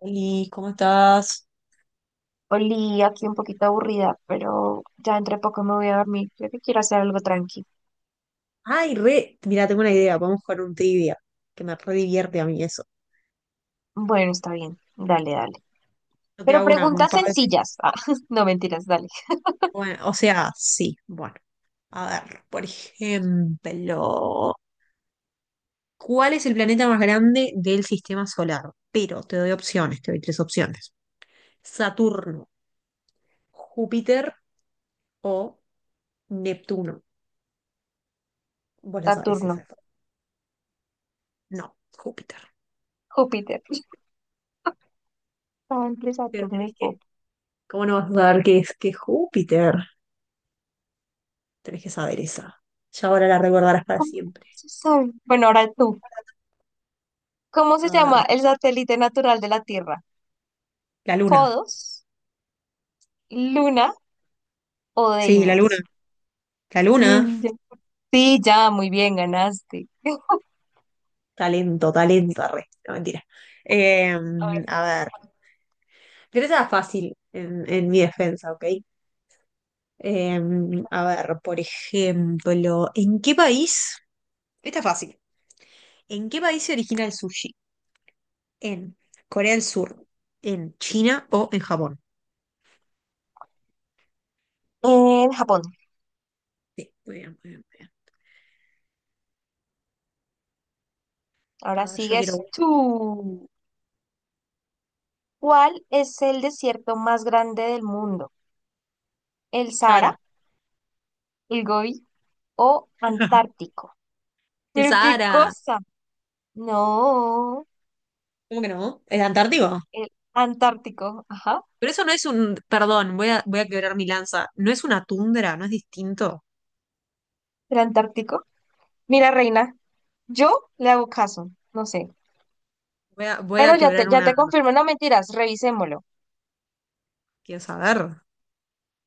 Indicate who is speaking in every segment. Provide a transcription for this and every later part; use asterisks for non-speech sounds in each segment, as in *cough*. Speaker 1: Oli, ¿cómo estás?
Speaker 2: Oli, aquí un poquito aburrida, pero ya entre poco me voy a dormir. Creo que quiero hacer algo tranqui.
Speaker 1: Ay, re, mira, tengo una idea, podemos jugar un trivia, que me re divierte a mí eso.
Speaker 2: Bueno, está bien. Dale, dale.
Speaker 1: Yo te
Speaker 2: Pero
Speaker 1: hago un
Speaker 2: preguntas
Speaker 1: par de preguntas.
Speaker 2: sencillas. Ah, *laughs* no mentiras, dale.
Speaker 1: Bueno, o sea, sí, bueno, a ver, por ejemplo, ¿cuál es el planeta más grande del sistema solar? Pero te doy opciones, te doy tres opciones. Saturno, Júpiter o Neptuno. Vos la sabés
Speaker 2: Saturno,
Speaker 1: esa. No, Júpiter.
Speaker 2: Júpiter. Estaba entre
Speaker 1: Pero
Speaker 2: Saturno
Speaker 1: tenés
Speaker 2: y
Speaker 1: que,
Speaker 2: Júpiter.
Speaker 1: ¿cómo no vas a saber qué es Júpiter? Tenés que saber esa. Ya ahora la recordarás para
Speaker 2: ¿Cómo
Speaker 1: siempre.
Speaker 2: se sabe? Bueno, ahora tú. ¿Cómo
Speaker 1: A
Speaker 2: se llama
Speaker 1: ver,
Speaker 2: el satélite natural de la Tierra?
Speaker 1: la luna.
Speaker 2: ¿Podos, Luna o
Speaker 1: Sí, la luna.
Speaker 2: Deimos?
Speaker 1: La luna.
Speaker 2: Ninja. Sí, ya, muy bien, ganaste.
Speaker 1: Talento, talento. Arre. No, mentira. Eh,
Speaker 2: A ver.
Speaker 1: a ver. Pero esa es fácil en mi defensa, ¿ok? Eh, a ver, por ejemplo, ¿en qué país? Esta es fácil. ¿En qué país se origina el sushi? ¿En Corea del Sur, en China o en Japón?
Speaker 2: En Japón.
Speaker 1: Sí, muy bien, muy bien, muy bien.
Speaker 2: Ahora
Speaker 1: A ver, yo
Speaker 2: sigues
Speaker 1: quiero.
Speaker 2: tú. ¿Cuál es el desierto más grande del mundo? ¿El
Speaker 1: Sahara.
Speaker 2: Sahara, el Gobi o
Speaker 1: *laughs*
Speaker 2: Antártico?
Speaker 1: El
Speaker 2: ¿Pero qué
Speaker 1: Sahara.
Speaker 2: cosa? No,
Speaker 1: ¿Cómo que no? ¿Es Antártico?
Speaker 2: el Antártico. Ajá,
Speaker 1: Pero eso no es un, perdón, voy a quebrar mi lanza. No es una tundra, no es distinto.
Speaker 2: el Antártico. Mira, reina, yo le hago caso, no sé.
Speaker 1: Voy a, voy
Speaker 2: Pero
Speaker 1: a quebrar
Speaker 2: ya te confirmo, no mentiras, revisémoslo.
Speaker 1: quiero saber.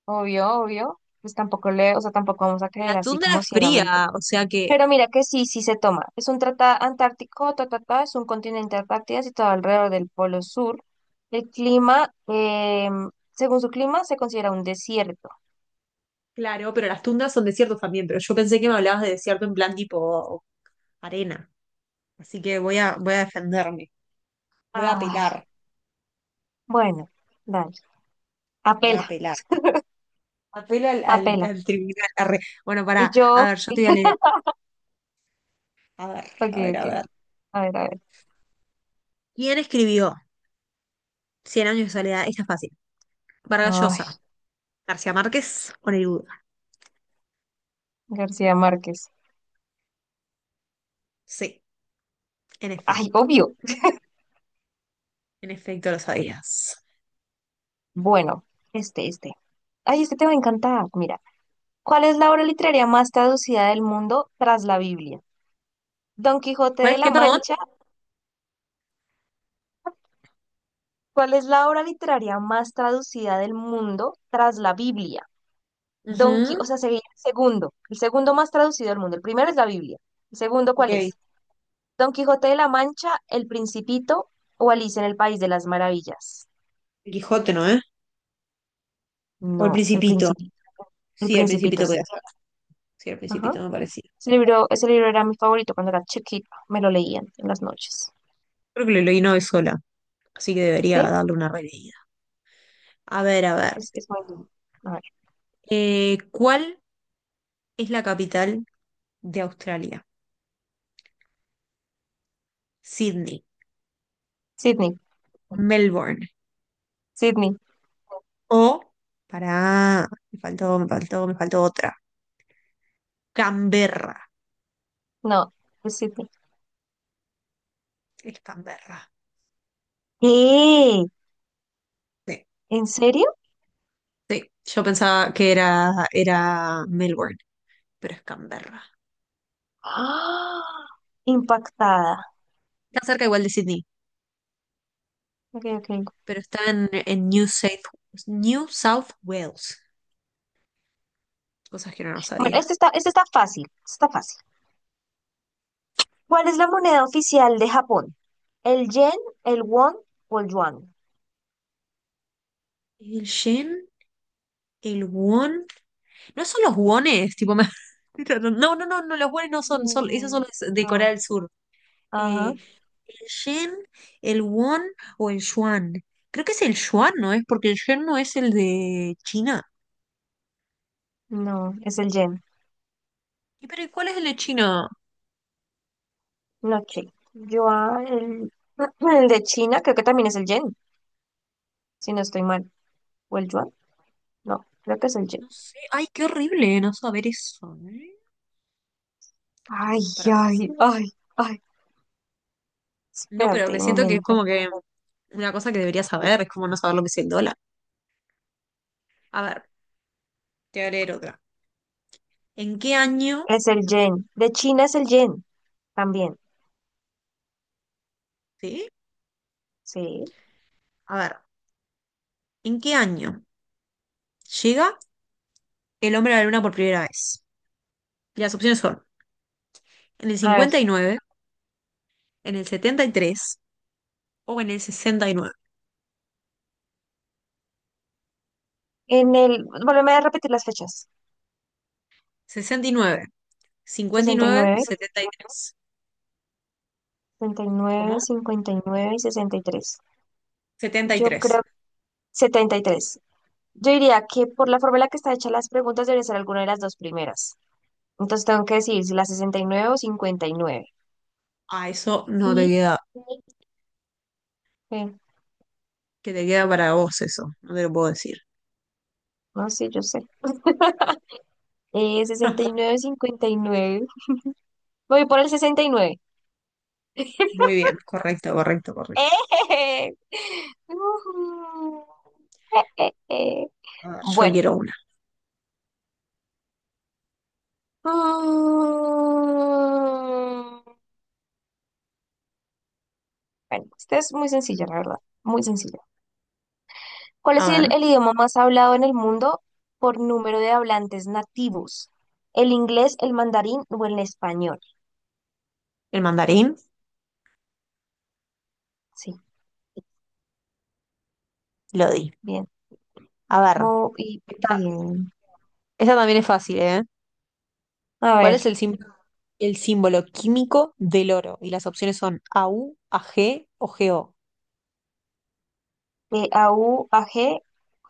Speaker 2: Obvio, obvio. Pues tampoco le, o sea, tampoco vamos a
Speaker 1: La
Speaker 2: creer así
Speaker 1: tundra
Speaker 2: como
Speaker 1: es
Speaker 2: ciegamente.
Speaker 1: fría, o sea que,
Speaker 2: Pero mira que sí, sí se toma. Es un tratado antártico, ta, ta, ta, es un continente Antártida situado alrededor del Polo Sur. El clima, según su clima, se considera un desierto.
Speaker 1: claro, pero las tundras son desiertos también, pero yo pensé que me hablabas de desierto en plan tipo arena. Así que voy a defenderme, voy a
Speaker 2: Ay,
Speaker 1: apelar,
Speaker 2: bueno, dale.
Speaker 1: voy a
Speaker 2: Apela,
Speaker 1: apelar. Apelo al, al,
Speaker 2: apela.
Speaker 1: al tribunal. Arre. Bueno,
Speaker 2: Y
Speaker 1: pará, a
Speaker 2: yo,
Speaker 1: ver, yo te voy a leer. A ver,
Speaker 2: ok,
Speaker 1: a ver,
Speaker 2: ok.
Speaker 1: a ver.
Speaker 2: A ver, a ver.
Speaker 1: ¿Quién escribió Cien años de soledad? Esta es fácil. Vargas
Speaker 2: Ay,
Speaker 1: Llosa. García Márquez, Oreruda.
Speaker 2: García Márquez.
Speaker 1: Sí, en
Speaker 2: Ay,
Speaker 1: efecto.
Speaker 2: obvio.
Speaker 1: En efecto, lo sabías.
Speaker 2: Bueno, este. Ay, este te va a encantar. Mira, ¿cuál es la obra literaria más traducida del mundo tras la Biblia? Don Quijote
Speaker 1: ¿Cuál
Speaker 2: de
Speaker 1: es
Speaker 2: la
Speaker 1: qué, perdón?
Speaker 2: Mancha, ¿cuál es la obra literaria más traducida del mundo tras la Biblia? Don Quijote, o
Speaker 1: Ujú.
Speaker 2: sea, sería el segundo más traducido del mundo. El primero es la Biblia. ¿El segundo
Speaker 1: Ok.
Speaker 2: cuál
Speaker 1: El
Speaker 2: es? Don Quijote de la Mancha, El Principito o Alicia en el País de las Maravillas.
Speaker 1: Quijote, ¿no, eh? O el
Speaker 2: No, El
Speaker 1: Principito.
Speaker 2: Principito. El
Speaker 1: Sí, el
Speaker 2: Principito,
Speaker 1: Principito
Speaker 2: sí.
Speaker 1: podía ser. Sí, el
Speaker 2: Ajá.
Speaker 1: Principito me parecía.
Speaker 2: Ese libro era mi favorito cuando era chiquita. Me lo leían en las noches.
Speaker 1: Creo que lo leí una vez sola, así que
Speaker 2: ¿Sí?
Speaker 1: debería darle una releída. A ver, a ver.
Speaker 2: Es muy lindo. A ver.
Speaker 1: ¿Cuál es la capital de Australia? Sydney,
Speaker 2: Sydney.
Speaker 1: Melbourne
Speaker 2: Sydney.
Speaker 1: o... Pará, me faltó otra. Canberra.
Speaker 2: No, es Sydney.
Speaker 1: Es Canberra.
Speaker 2: ¿Qué?
Speaker 1: Sí.
Speaker 2: ¿En serio?
Speaker 1: Sí, yo pensaba que era Melbourne, pero es Canberra.
Speaker 2: ¡Ah! Impactada.
Speaker 1: Está cerca igual de Sydney,
Speaker 2: Ok, ok.
Speaker 1: pero está en New South Wales. Cosas que no lo
Speaker 2: Bueno,
Speaker 1: sabía.
Speaker 2: este está fácil, este está fácil. ¿Cuál es la moneda oficial de Japón? ¿El yen, el won o el yuan?
Speaker 1: El shen, el won. No son los wones, tipo. *laughs* No, no, no, no, los wones no son, esos
Speaker 2: No,
Speaker 1: son los de Corea
Speaker 2: no.
Speaker 1: del Sur.
Speaker 2: Ajá,
Speaker 1: Eh, el yen, el won o el yuan. Creo que es el yuan, ¿no es? Porque el yen no es el de China.
Speaker 2: no, es el yen.
Speaker 1: Pero ¿y cuál es el de China?
Speaker 2: No, che. Yuan, el, *clears throat* el de China, creo que también es el yen, si no estoy mal. ¿O el yuan? No, creo que es el yen.
Speaker 1: No sé, ay, qué horrible no saber eso, ¿eh?
Speaker 2: Ay,
Speaker 1: Para
Speaker 2: ay,
Speaker 1: pensar.
Speaker 2: ay, ay.
Speaker 1: No, pero
Speaker 2: Espérate
Speaker 1: me
Speaker 2: un
Speaker 1: siento que es
Speaker 2: momento.
Speaker 1: como que una cosa que debería saber, es como no saber lo que es el dólar. A ver, te voy a leer otra. ¿En qué año,
Speaker 2: Es el yen. De China es el yen también.
Speaker 1: sí?
Speaker 2: Sí.
Speaker 1: A ver, ¿en qué año llega el hombre a la luna por primera vez? Y las opciones son en el
Speaker 2: A ver,
Speaker 1: 59, en el 73 o en el sesenta,
Speaker 2: en el, volveme a repetir las fechas.
Speaker 1: sesenta y nueve. cincuenta y
Speaker 2: Sesenta y
Speaker 1: nueve
Speaker 2: nueve,
Speaker 1: 73.
Speaker 2: 59 y nueve,
Speaker 1: ¿Cómo?
Speaker 2: nueve cincuenta y sesenta y tres.
Speaker 1: setenta y
Speaker 2: Yo
Speaker 1: tres
Speaker 2: creo 73. Yo diría que por la forma en la que está hecha las preguntas debe ser alguna de las dos primeras. Entonces tengo que decir si la sesenta y nueve o cincuenta y nueve.
Speaker 1: Ah, eso no te
Speaker 2: Y,
Speaker 1: queda,
Speaker 2: eh,
Speaker 1: que te queda para vos eso, no te lo puedo decir.
Speaker 2: no sé, yo sé. Sesenta y nueve. Cincuenta y nueve. Voy por el 69.
Speaker 1: Muy
Speaker 2: *laughs*
Speaker 1: bien, correcto, correcto, correcto.
Speaker 2: ¡Eh! Ujú. Eh, eh, eh.
Speaker 1: A ver, yo
Speaker 2: Bueno.
Speaker 1: quiero una.
Speaker 2: Mm. Bueno, esta es muy sencilla, la verdad, muy sencilla. ¿Cuál
Speaker 1: A
Speaker 2: es el,
Speaker 1: ver,
Speaker 2: el idioma más hablado en el mundo por número de hablantes nativos? ¿El inglés, el mandarín o el español?
Speaker 1: el mandarín,
Speaker 2: Sí,
Speaker 1: lo di.
Speaker 2: bien,
Speaker 1: A ver,
Speaker 2: muy
Speaker 1: esta,
Speaker 2: bien.
Speaker 1: esta también es fácil, ¿eh?
Speaker 2: A
Speaker 1: ¿Cuál
Speaker 2: ver,
Speaker 1: es el símbolo químico del oro? Y las opciones son AU, AG o GO.
Speaker 2: A, U, A, G,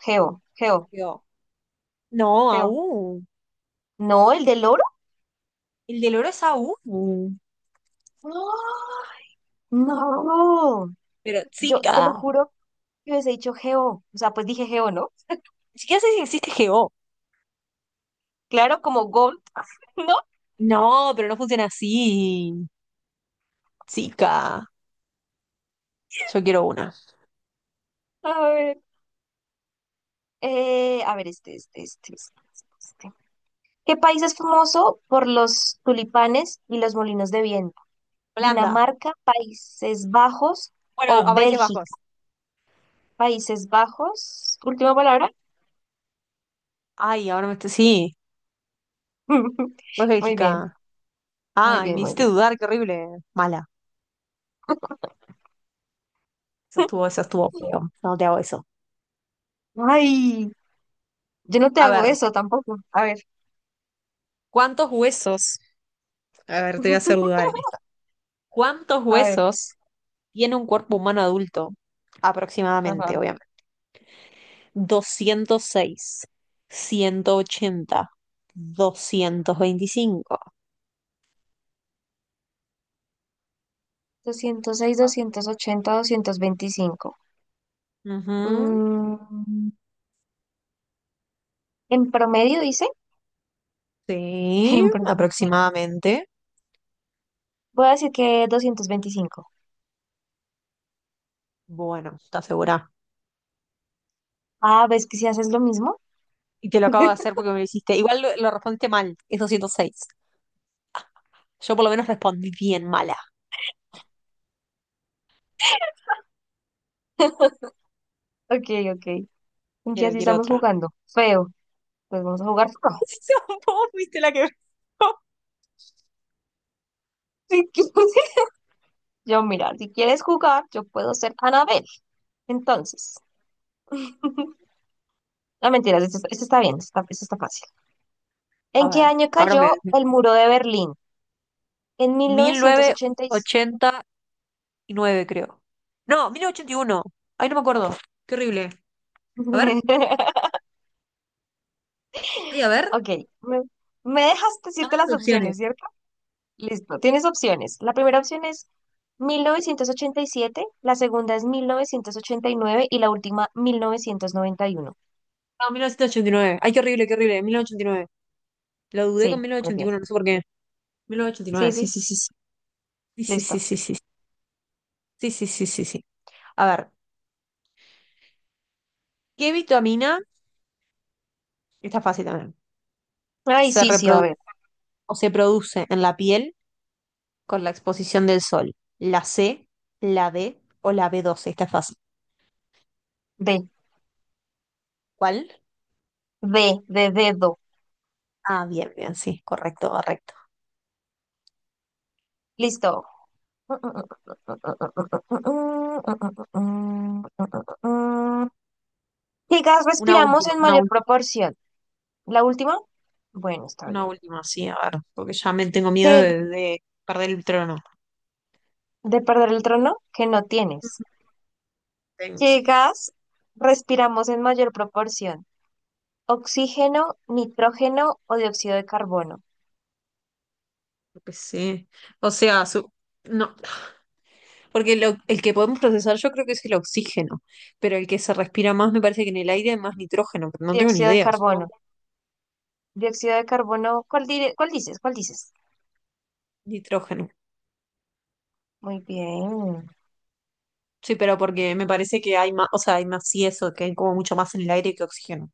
Speaker 2: Geo,
Speaker 1: O
Speaker 2: Geo,
Speaker 1: G O. No,
Speaker 2: Geo.
Speaker 1: AU.
Speaker 2: No, el del oro.
Speaker 1: El del oro es AU.
Speaker 2: No, no.
Speaker 1: Pero
Speaker 2: Yo te lo
Speaker 1: chica,
Speaker 2: juro que hubiese dicho Geo. O sea, pues dije Geo, ¿no?
Speaker 1: ni siquiera sé si existe GO.
Speaker 2: Claro, como Gold, *laughs* ¿no?
Speaker 1: No, pero no funciona así. Chica, yo quiero una.
Speaker 2: A ver, a ver, este. ¿Qué país es famoso por los tulipanes y los molinos de viento?
Speaker 1: Holanda.
Speaker 2: ¿Dinamarca, Países Bajos
Speaker 1: Bueno,
Speaker 2: o
Speaker 1: a Países Bajos.
Speaker 2: Bélgica? Países Bajos, última palabra.
Speaker 1: Ay, ahora me estoy... Sí.
Speaker 2: *laughs*
Speaker 1: Pues
Speaker 2: Muy bien,
Speaker 1: Bélgica.
Speaker 2: muy
Speaker 1: Ay,
Speaker 2: bien,
Speaker 1: me
Speaker 2: muy
Speaker 1: hiciste
Speaker 2: bien.
Speaker 1: dudar, qué horrible. Mala. Eso estuvo feo. No te hago eso.
Speaker 2: Ay, yo no te
Speaker 1: A
Speaker 2: hago
Speaker 1: ver,
Speaker 2: eso tampoco. A ver,
Speaker 1: ¿cuántos huesos? A ver, te voy a hacer dudar
Speaker 2: *laughs*
Speaker 1: en esta. ¿Cuántos
Speaker 2: a ver,
Speaker 1: huesos tiene un cuerpo humano adulto?
Speaker 2: ajá.
Speaker 1: Aproximadamente, obviamente. 206, 180, 225.
Speaker 2: 206, 280, 225.
Speaker 1: Ujú,
Speaker 2: Mm, en promedio, dice. *laughs*
Speaker 1: sí,
Speaker 2: En promedio.
Speaker 1: aproximadamente.
Speaker 2: Voy a decir que 225.
Speaker 1: Bueno, ¿estás segura?
Speaker 2: Ah, ¿ves que si haces lo mismo?
Speaker 1: Y te lo acabo de hacer
Speaker 2: *laughs*
Speaker 1: porque me lo hiciste. Igual lo respondiste mal, es 206. Yo por lo menos respondí bien mala.
Speaker 2: Ok, ok. En que
Speaker 1: Quiero,
Speaker 2: así
Speaker 1: quiero
Speaker 2: estamos
Speaker 1: otra.
Speaker 2: jugando. Feo. Pues vamos a jugar feo.
Speaker 1: *laughs* Vos fuiste la que... *laughs*
Speaker 2: *laughs* Si quieres- yo, mira, si quieres jugar, yo puedo ser Anabel. Entonces, *laughs* no mentiras, esto está bien, esto está fácil.
Speaker 1: A
Speaker 2: ¿En qué
Speaker 1: ver,
Speaker 2: año
Speaker 1: ahora me...
Speaker 2: cayó el muro de Berlín? En
Speaker 1: mil novecientos
Speaker 2: 1986.
Speaker 1: ochenta y nueve creo. No, 1981. Ay, no me acuerdo. Qué horrible. A ver,
Speaker 2: *laughs*
Speaker 1: ay, a ver.
Speaker 2: Ok, me, me dejas
Speaker 1: Dame
Speaker 2: decirte
Speaker 1: las
Speaker 2: las
Speaker 1: opciones.
Speaker 2: opciones, ¿cierto? Listo, tienes opciones. La primera opción es 1987. La segunda es mil novecientos ochenta y nueve y la última 1991.
Speaker 1: No, 1989. Ay, qué horrible, qué horrible. 1989. Lo dudé con
Speaker 2: Sí,
Speaker 1: mil
Speaker 2: muy
Speaker 1: novecientos ochenta y
Speaker 2: bien.
Speaker 1: uno no sé por qué.
Speaker 2: Sí,
Speaker 1: 1989, sí,
Speaker 2: sí.
Speaker 1: sí, sí. Sí, sí, sí,
Speaker 2: Listo.
Speaker 1: sí, sí. Sí, sí, sí, sí, sí. Sí. A ver, ¿qué vitamina, está fácil también,
Speaker 2: Ay,
Speaker 1: se
Speaker 2: sí, sí, a
Speaker 1: reproduce
Speaker 2: ver.
Speaker 1: o se produce en la piel con la exposición del sol? ¿La C, la D o la B12? Está fácil.
Speaker 2: D,
Speaker 1: ¿Cuál?
Speaker 2: D, de dedo.
Speaker 1: Ah, bien, bien, sí, correcto, correcto.
Speaker 2: Listo. ¿Qué gas
Speaker 1: Una
Speaker 2: respiramos
Speaker 1: última,
Speaker 2: en
Speaker 1: una
Speaker 2: mayor
Speaker 1: última,
Speaker 2: proporción? ¿La última? Bueno, está
Speaker 1: una
Speaker 2: bien.
Speaker 1: última, sí, a ver, porque ya me tengo miedo
Speaker 2: ¿Qué,
Speaker 1: de perder el trono.
Speaker 2: de perder el trono? Que no tienes.
Speaker 1: *laughs* Tengo,
Speaker 2: ¿Qué
Speaker 1: sí,
Speaker 2: gas respiramos en mayor proporción? ¿Oxígeno, nitrógeno o dióxido de carbono?
Speaker 1: creo que sí. O sea, no, porque el que podemos procesar yo creo que es el oxígeno, pero el que se respira más me parece que en el aire hay más nitrógeno, pero no tengo ni
Speaker 2: Dióxido de
Speaker 1: idea,
Speaker 2: carbono.
Speaker 1: supongo.
Speaker 2: Dióxido de carbono, ¿cuál, dire- cuál dices? ¿Cuál dices?
Speaker 1: Nitrógeno.
Speaker 2: Muy bien.
Speaker 1: Sí, pero porque me parece que hay más, o sea, hay más y eso, que hay como mucho más en el aire que oxígeno.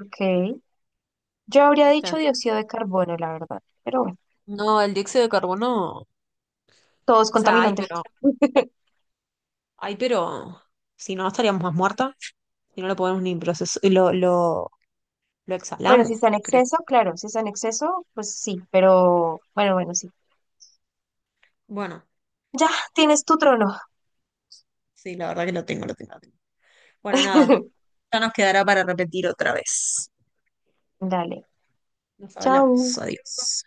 Speaker 2: Ok. Yo habría dicho
Speaker 1: ¿Viste?
Speaker 2: dióxido de carbono, la verdad, pero bueno,
Speaker 1: No, el dióxido de carbono,
Speaker 2: todo es
Speaker 1: o sea, hay,
Speaker 2: contaminante.
Speaker 1: pero, hay, pero, si no, estaríamos más muertas, si no lo podemos ni procesar, lo
Speaker 2: Bueno, si
Speaker 1: exhalamos,
Speaker 2: está en
Speaker 1: creo.
Speaker 2: exceso, claro, si está en exceso, pues sí, pero bueno, bueno, sí.
Speaker 1: Bueno,
Speaker 2: Ya, tienes tu trono.
Speaker 1: sí, la verdad que lo tengo, lo tengo, lo tengo. Bueno, nada,
Speaker 2: *laughs*
Speaker 1: ya nos quedará para repetir otra vez.
Speaker 2: Dale,
Speaker 1: Nos
Speaker 2: chao.
Speaker 1: hablamos, adiós.